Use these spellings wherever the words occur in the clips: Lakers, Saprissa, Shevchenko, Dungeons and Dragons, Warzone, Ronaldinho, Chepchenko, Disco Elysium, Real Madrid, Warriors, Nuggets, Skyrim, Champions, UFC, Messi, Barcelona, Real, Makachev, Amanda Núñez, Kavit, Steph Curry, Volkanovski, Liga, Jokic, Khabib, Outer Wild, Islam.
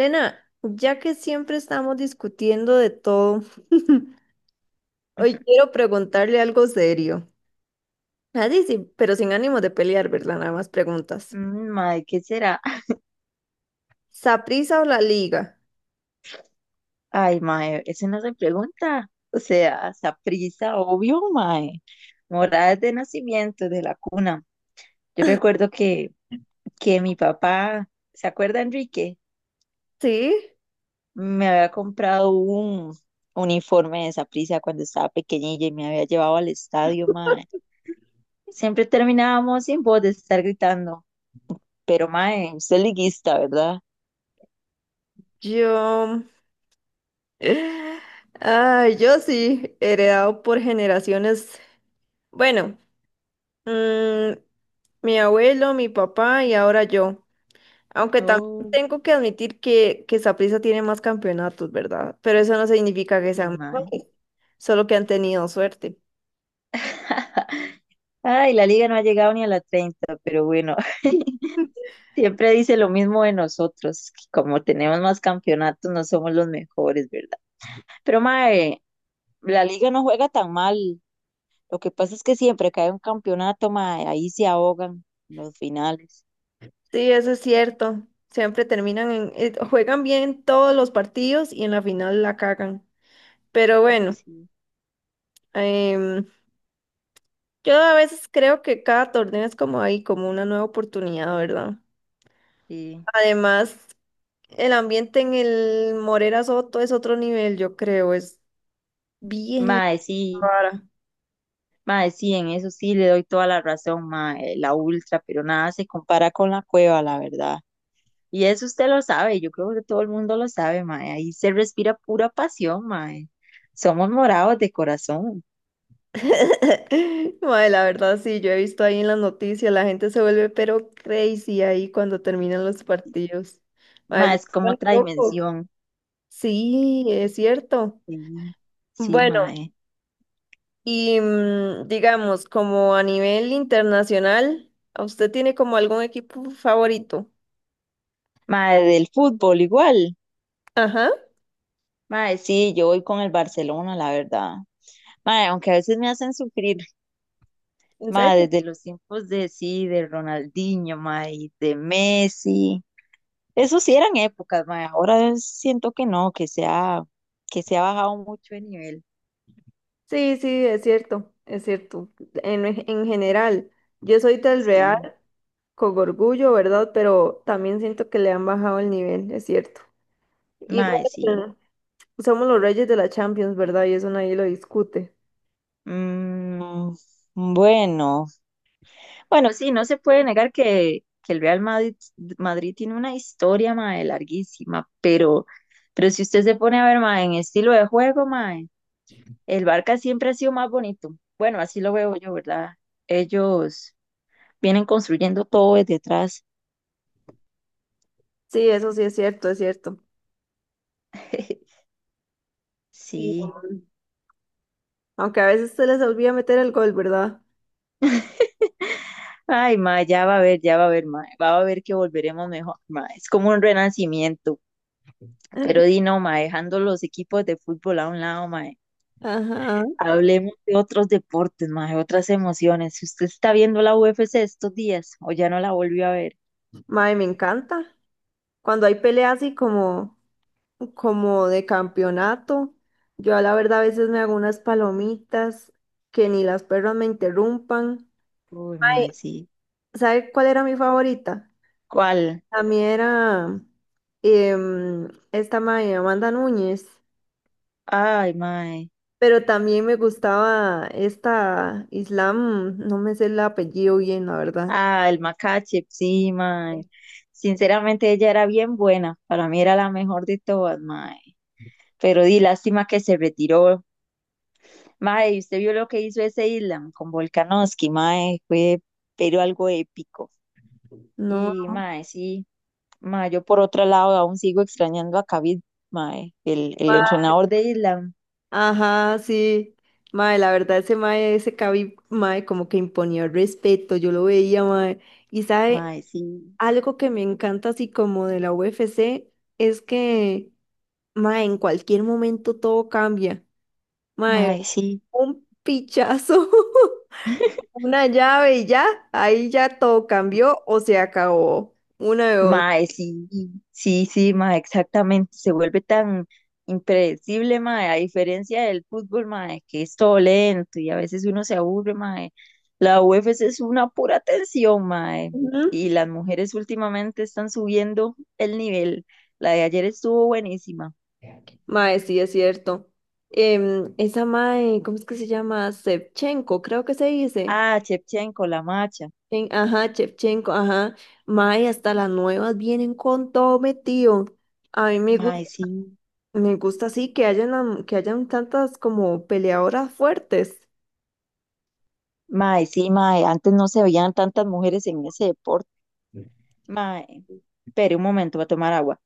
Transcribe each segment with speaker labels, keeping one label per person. Speaker 1: Elena, ya que siempre estamos discutiendo de todo, hoy quiero preguntarle algo serio. Así sí, sí, pero sin ánimo de pelear, ¿verdad? Nada más preguntas.
Speaker 2: Mm, Mae, ¿qué será?
Speaker 1: ¿Saprissa o la Liga?
Speaker 2: Ay, mae, eso no se pregunta. O sea, prisa, obvio, mae. Moradas de nacimiento, de la cuna. Yo recuerdo que mi papá, ¿se acuerda, Enrique?
Speaker 1: Sí,
Speaker 2: Me había comprado un uniforme de prisa cuando estaba pequeñilla y me había llevado al estadio, mae. Siempre terminábamos sin voz de estar gritando. Pero, mae, usted es liguista, ¿verdad?
Speaker 1: yo. Ah, yo sí, heredado por generaciones. Bueno, mm, mi abuelo, mi papá y ahora yo. Aunque también
Speaker 2: Oh,
Speaker 1: tengo que admitir que Saprissa tiene más campeonatos, ¿verdad? Pero eso no significa que
Speaker 2: sí,
Speaker 1: sean
Speaker 2: mae.
Speaker 1: mejores, solo que han tenido suerte.
Speaker 2: Ay, la liga no ha llegado ni a la 30, pero bueno. Siempre dice lo mismo de nosotros, que como tenemos más campeonatos no somos los mejores, ¿verdad? Pero mae, la liga no juega tan mal. Lo que pasa es que siempre que hay un campeonato, mae, ahí se ahogan los finales.
Speaker 1: Sí, eso es cierto. Siempre terminan juegan bien todos los partidos y en la final la cagan. Pero bueno,
Speaker 2: Sí,
Speaker 1: em, yo a veces creo que cada torneo es como ahí, como una nueva oportunidad, ¿verdad?
Speaker 2: sí.
Speaker 1: Además, el ambiente en el Morera Soto es otro nivel, yo creo, es bien
Speaker 2: Mae, sí,
Speaker 1: raro.
Speaker 2: mae, sí, en eso sí le doy toda la razón, mae, la ultra, pero nada se compara con la cueva, la verdad. Y eso usted lo sabe, yo creo que todo el mundo lo sabe, mae. Ahí se respira pura pasión, mae. Somos morados de corazón,
Speaker 1: Mae, la verdad sí, yo he visto ahí en las noticias, la gente se vuelve pero crazy ahí cuando terminan los partidos. Mae,
Speaker 2: mae,
Speaker 1: se
Speaker 2: es como
Speaker 1: vuelven
Speaker 2: otra
Speaker 1: locos.
Speaker 2: dimensión.
Speaker 1: Sí, es cierto.
Speaker 2: Sí, sí,
Speaker 1: Bueno,
Speaker 2: mae.
Speaker 1: y digamos, como a nivel internacional, ¿a ¿usted tiene como algún equipo favorito?
Speaker 2: Mae, del fútbol igual.
Speaker 1: Ajá,
Speaker 2: Mae, sí, yo voy con el Barcelona, la verdad. Mae, aunque a veces me hacen sufrir,
Speaker 1: ¿en
Speaker 2: mae,
Speaker 1: serio?
Speaker 2: desde los tiempos de sí, de Ronaldinho, mae, y de Messi. Eso sí eran épocas, mae. Ahora siento que no, que se ha bajado mucho de nivel.
Speaker 1: Sí, sí, es cierto, es cierto. En general, yo soy del Real
Speaker 2: Sí,
Speaker 1: con orgullo, ¿verdad? Pero también siento que le han bajado el nivel, es cierto. Igual
Speaker 2: mae, sí.
Speaker 1: somos los reyes de la Champions, ¿verdad? Y eso nadie lo discute.
Speaker 2: Mm, bueno, bueno, sí, no se puede negar que el Real Madrid tiene una historia, mae, larguísima, pero si usted se pone a ver, mae, en estilo de juego, mae, el Barca siempre ha sido más bonito. Bueno, así lo veo yo, ¿verdad? Ellos vienen construyendo todo desde atrás.
Speaker 1: Sí, eso sí es cierto, es cierto. Y,
Speaker 2: Sí.
Speaker 1: aunque a veces se les olvida meter el gol, ¿verdad?
Speaker 2: Ay, mae, ya va a ver, ya va a ver, mae, va a ver que volveremos mejor, mae. Es como un renacimiento. Pero di no, mae, dejando los equipos de fútbol a un lado, mae.
Speaker 1: Ajá.
Speaker 2: Hablemos de otros deportes, mae, otras emociones. Si usted está viendo la UFC estos días o ya no la volvió a ver.
Speaker 1: Mae, me encanta. Cuando hay peleas como de campeonato, yo a la verdad a veces me hago unas palomitas que ni las perras me interrumpan.
Speaker 2: Uy, mae,
Speaker 1: Mae,
Speaker 2: sí.
Speaker 1: ¿sabe cuál era mi favorita?
Speaker 2: ¿Cuál?
Speaker 1: A mí era esta mae, Amanda Núñez.
Speaker 2: Ay, mae.
Speaker 1: Pero también me gustaba esta Islam, no me sé el apellido bien, la verdad.
Speaker 2: Ah, el Makachev, sí, mae. Sinceramente ella era bien buena. Para mí era la mejor de todas, mae. Pero di lástima que se retiró. Mae, ¿y usted vio lo que hizo ese Island con Volkanovski, mae? Fue, pero algo épico.
Speaker 1: No,
Speaker 2: Y mae, sí. Ma, yo por otro lado aún sigo extrañando a Kavit, mae, el
Speaker 1: ma-
Speaker 2: entrenador de Island.
Speaker 1: ajá, sí. Mae, la verdad, ese mae, ese Khabib, mae, como que imponía respeto, yo lo veía, mae. Y sabe,
Speaker 2: Mae, sí,
Speaker 1: algo que me encanta así como de la UFC es que, mae, en cualquier momento todo cambia. Mae,
Speaker 2: mae, sí,
Speaker 1: un pichazo, una llave y ya, ahí ya todo cambió o se acabó. Una de dos.
Speaker 2: mae, sí, sí, sí, mae, exactamente. Se vuelve tan impredecible, mae, a diferencia del fútbol, mae, que es todo lento y a veces uno se aburre, mae. La UFC es una pura tensión, mae.
Speaker 1: Ujú.
Speaker 2: Y las mujeres últimamente están subiendo el nivel. La de ayer estuvo buenísima.
Speaker 1: Mae, sí, es cierto. Esa mae, ¿cómo es que se llama? Shevchenko, creo que se dice.
Speaker 2: Ah, Chepchenko, la macha.
Speaker 1: Ajá, Shevchenko, ajá. Mae, hasta las nuevas vienen con todo metido. A mí
Speaker 2: Mae, sí.
Speaker 1: me gusta así que hayan, que hayan tantas como peleadoras fuertes.
Speaker 2: Mae, sí, mae, antes no se veían tantas mujeres en ese deporte. Mae, espere un momento para tomar agua.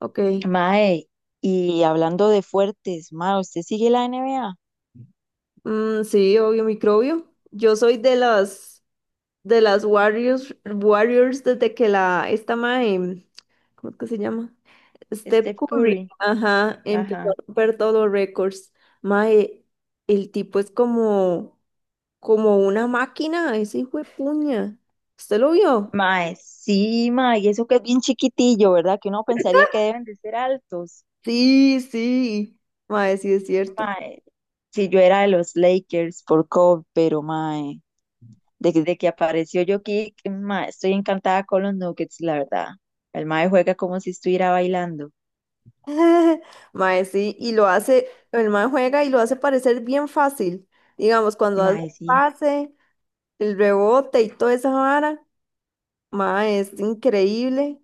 Speaker 1: Ok.
Speaker 2: Mae, y hablando de fuertes, mae, ¿usted sigue la NBA?
Speaker 1: Mm, sí, obvio, microbio. Yo soy de las Warriors, Warriors desde que la, esta mae, ¿cómo es que se llama? Steph
Speaker 2: Steph
Speaker 1: Curry,
Speaker 2: Curry.
Speaker 1: ajá, empezó a
Speaker 2: Ajá.
Speaker 1: romper todos récords. Mae, el tipo es como una máquina, ese hijo de puña. ¿Usted lo vio?
Speaker 2: Mae, sí, mae, y eso que es bien chiquitillo, ¿verdad? Que uno pensaría que deben de ser altos.
Speaker 1: Sí, sí. Mae, sí es cierto.
Speaker 2: Mae, si yo era de los Lakers por Kobe, pero mae, desde que apareció Jokic, mae, estoy encantada con los Nuggets, la verdad. El mae juega como si estuviera bailando.
Speaker 1: Mae, sí, y lo hace, el mae juega y lo hace parecer bien fácil. Digamos, cuando hace
Speaker 2: Mae,
Speaker 1: el
Speaker 2: sí.
Speaker 1: pase, el rebote y toda esa vara, mae, es increíble.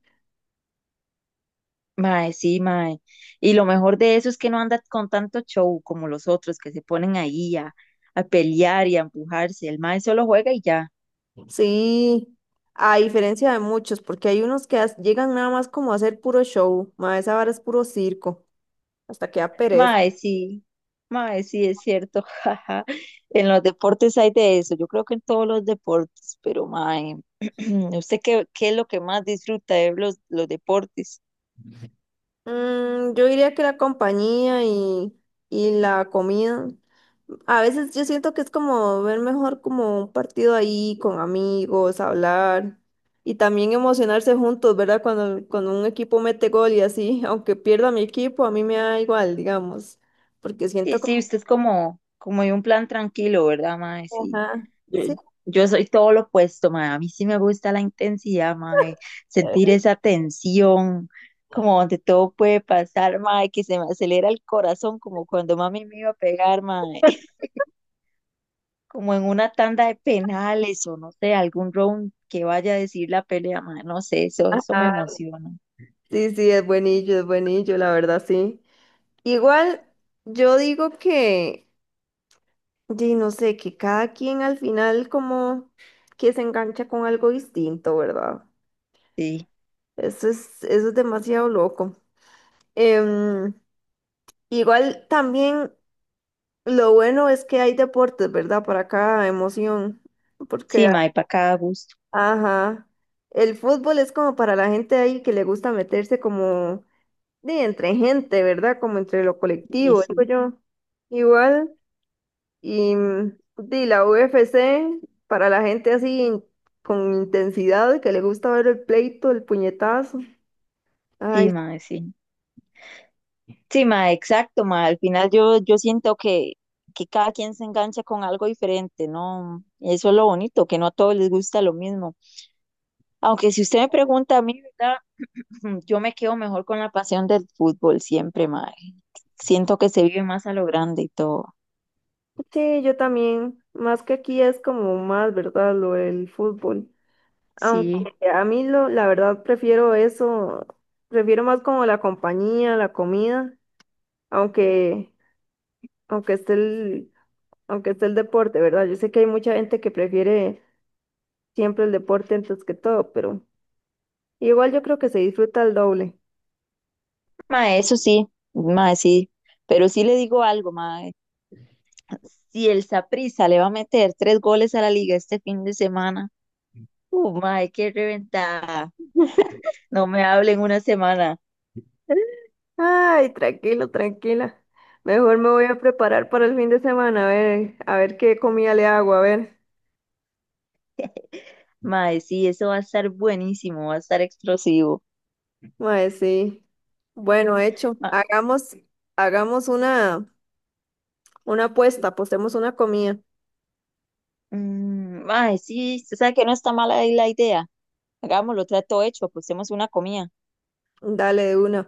Speaker 2: Mae, sí, mae. Y lo mejor de eso es que no anda con tanto show como los otros que se ponen ahí a, pelear y a empujarse. El mae solo juega y ya.
Speaker 1: Sí, a diferencia de muchos, porque hay unos que llegan nada más como a hacer puro show, ma, esa vara es puro circo, hasta que da pereza.
Speaker 2: Mae, sí. Mae, sí, es cierto. Jaja. En los deportes hay de eso. Yo creo que en todos los deportes, pero mae, ¿usted qué es lo que más disfruta de los deportes?
Speaker 1: Mm, yo diría que la compañía y la comida, a veces yo siento que es como ver mejor como un partido ahí con amigos, hablar y también emocionarse juntos, ¿verdad? Cuando un equipo mete gol y así, aunque pierda mi equipo, a mí me da igual, digamos, porque
Speaker 2: Sí,
Speaker 1: siento
Speaker 2: sí,
Speaker 1: como...
Speaker 2: usted es como de un plan tranquilo, ¿verdad, mae? Sí.
Speaker 1: Ajá,
Speaker 2: Yo,
Speaker 1: sí.
Speaker 2: yo soy todo lo opuesto, mae. A mí sí me gusta la intensidad, mae. Sentir esa tensión, como donde todo puede pasar, mae, que se me acelera el corazón, como cuando mami me iba a pegar, mae. Como en una tanda de penales o no sé, algún round que vaya a decir la pelea, mae. No sé, eso me
Speaker 1: Ajá.
Speaker 2: emociona.
Speaker 1: Sí, sí, es buenillo, la verdad, sí. Igual, yo digo que, di, no sé, que cada quien al final como que se engancha con algo distinto, ¿verdad?
Speaker 2: Sí,
Speaker 1: Eso es demasiado loco. Em, igual también lo bueno es que hay deportes, ¿verdad? Para cada emoción,
Speaker 2: sí,
Speaker 1: porque,
Speaker 2: mae, para cada gusto.
Speaker 1: ajá, el fútbol es como para la gente ahí que le gusta meterse como de entre gente, ¿verdad? Como entre lo
Speaker 2: Sí,
Speaker 1: colectivo, digo
Speaker 2: sí,
Speaker 1: yo. Igual, y de la UFC, para la gente así con intensidad, que le gusta ver el pleito, el puñetazo.
Speaker 2: sí,
Speaker 1: Ay,
Speaker 2: mae, sí. Sí, ma, exacto, ma. Al final yo, siento que cada quien se engancha con algo diferente, ¿no? Eso es lo bonito, que no a todos les gusta lo mismo. Aunque si usted me pregunta a mí, ¿verdad? Yo me quedo mejor con la pasión del fútbol siempre, ma. Siento que se vive más a lo grande y todo.
Speaker 1: sí, yo también. Más que aquí es como más, ¿verdad? Lo del fútbol. Aunque
Speaker 2: Sí,
Speaker 1: la verdad prefiero eso, prefiero más como la compañía, la comida, aunque, aunque esté el, aunque esté el deporte, ¿verdad? Yo sé que hay mucha gente que prefiere siempre el deporte antes que todo, pero igual yo creo que se disfruta el doble.
Speaker 2: ma, eso sí, ma, sí. Pero sí le digo algo, ma. Si el Saprissa le va a meter tres goles a la liga este fin de semana, ma, qué reventada. No me hablen una semana.
Speaker 1: Ay, tranquilo, tranquila. Mejor me voy a preparar para el fin de semana, a ver qué comida le hago, a ver.
Speaker 2: Mae, sí, eso va a estar buenísimo, va a estar explosivo.
Speaker 1: Mae, sí. Bueno, hecho.
Speaker 2: Ma-
Speaker 1: Hagamos, hagamos una apuesta, apostemos una comida.
Speaker 2: Mae, sí, usted sabe que no está mala ahí la idea. Hagámoslo, trato hecho, apostemos una comida.
Speaker 1: Dale de una.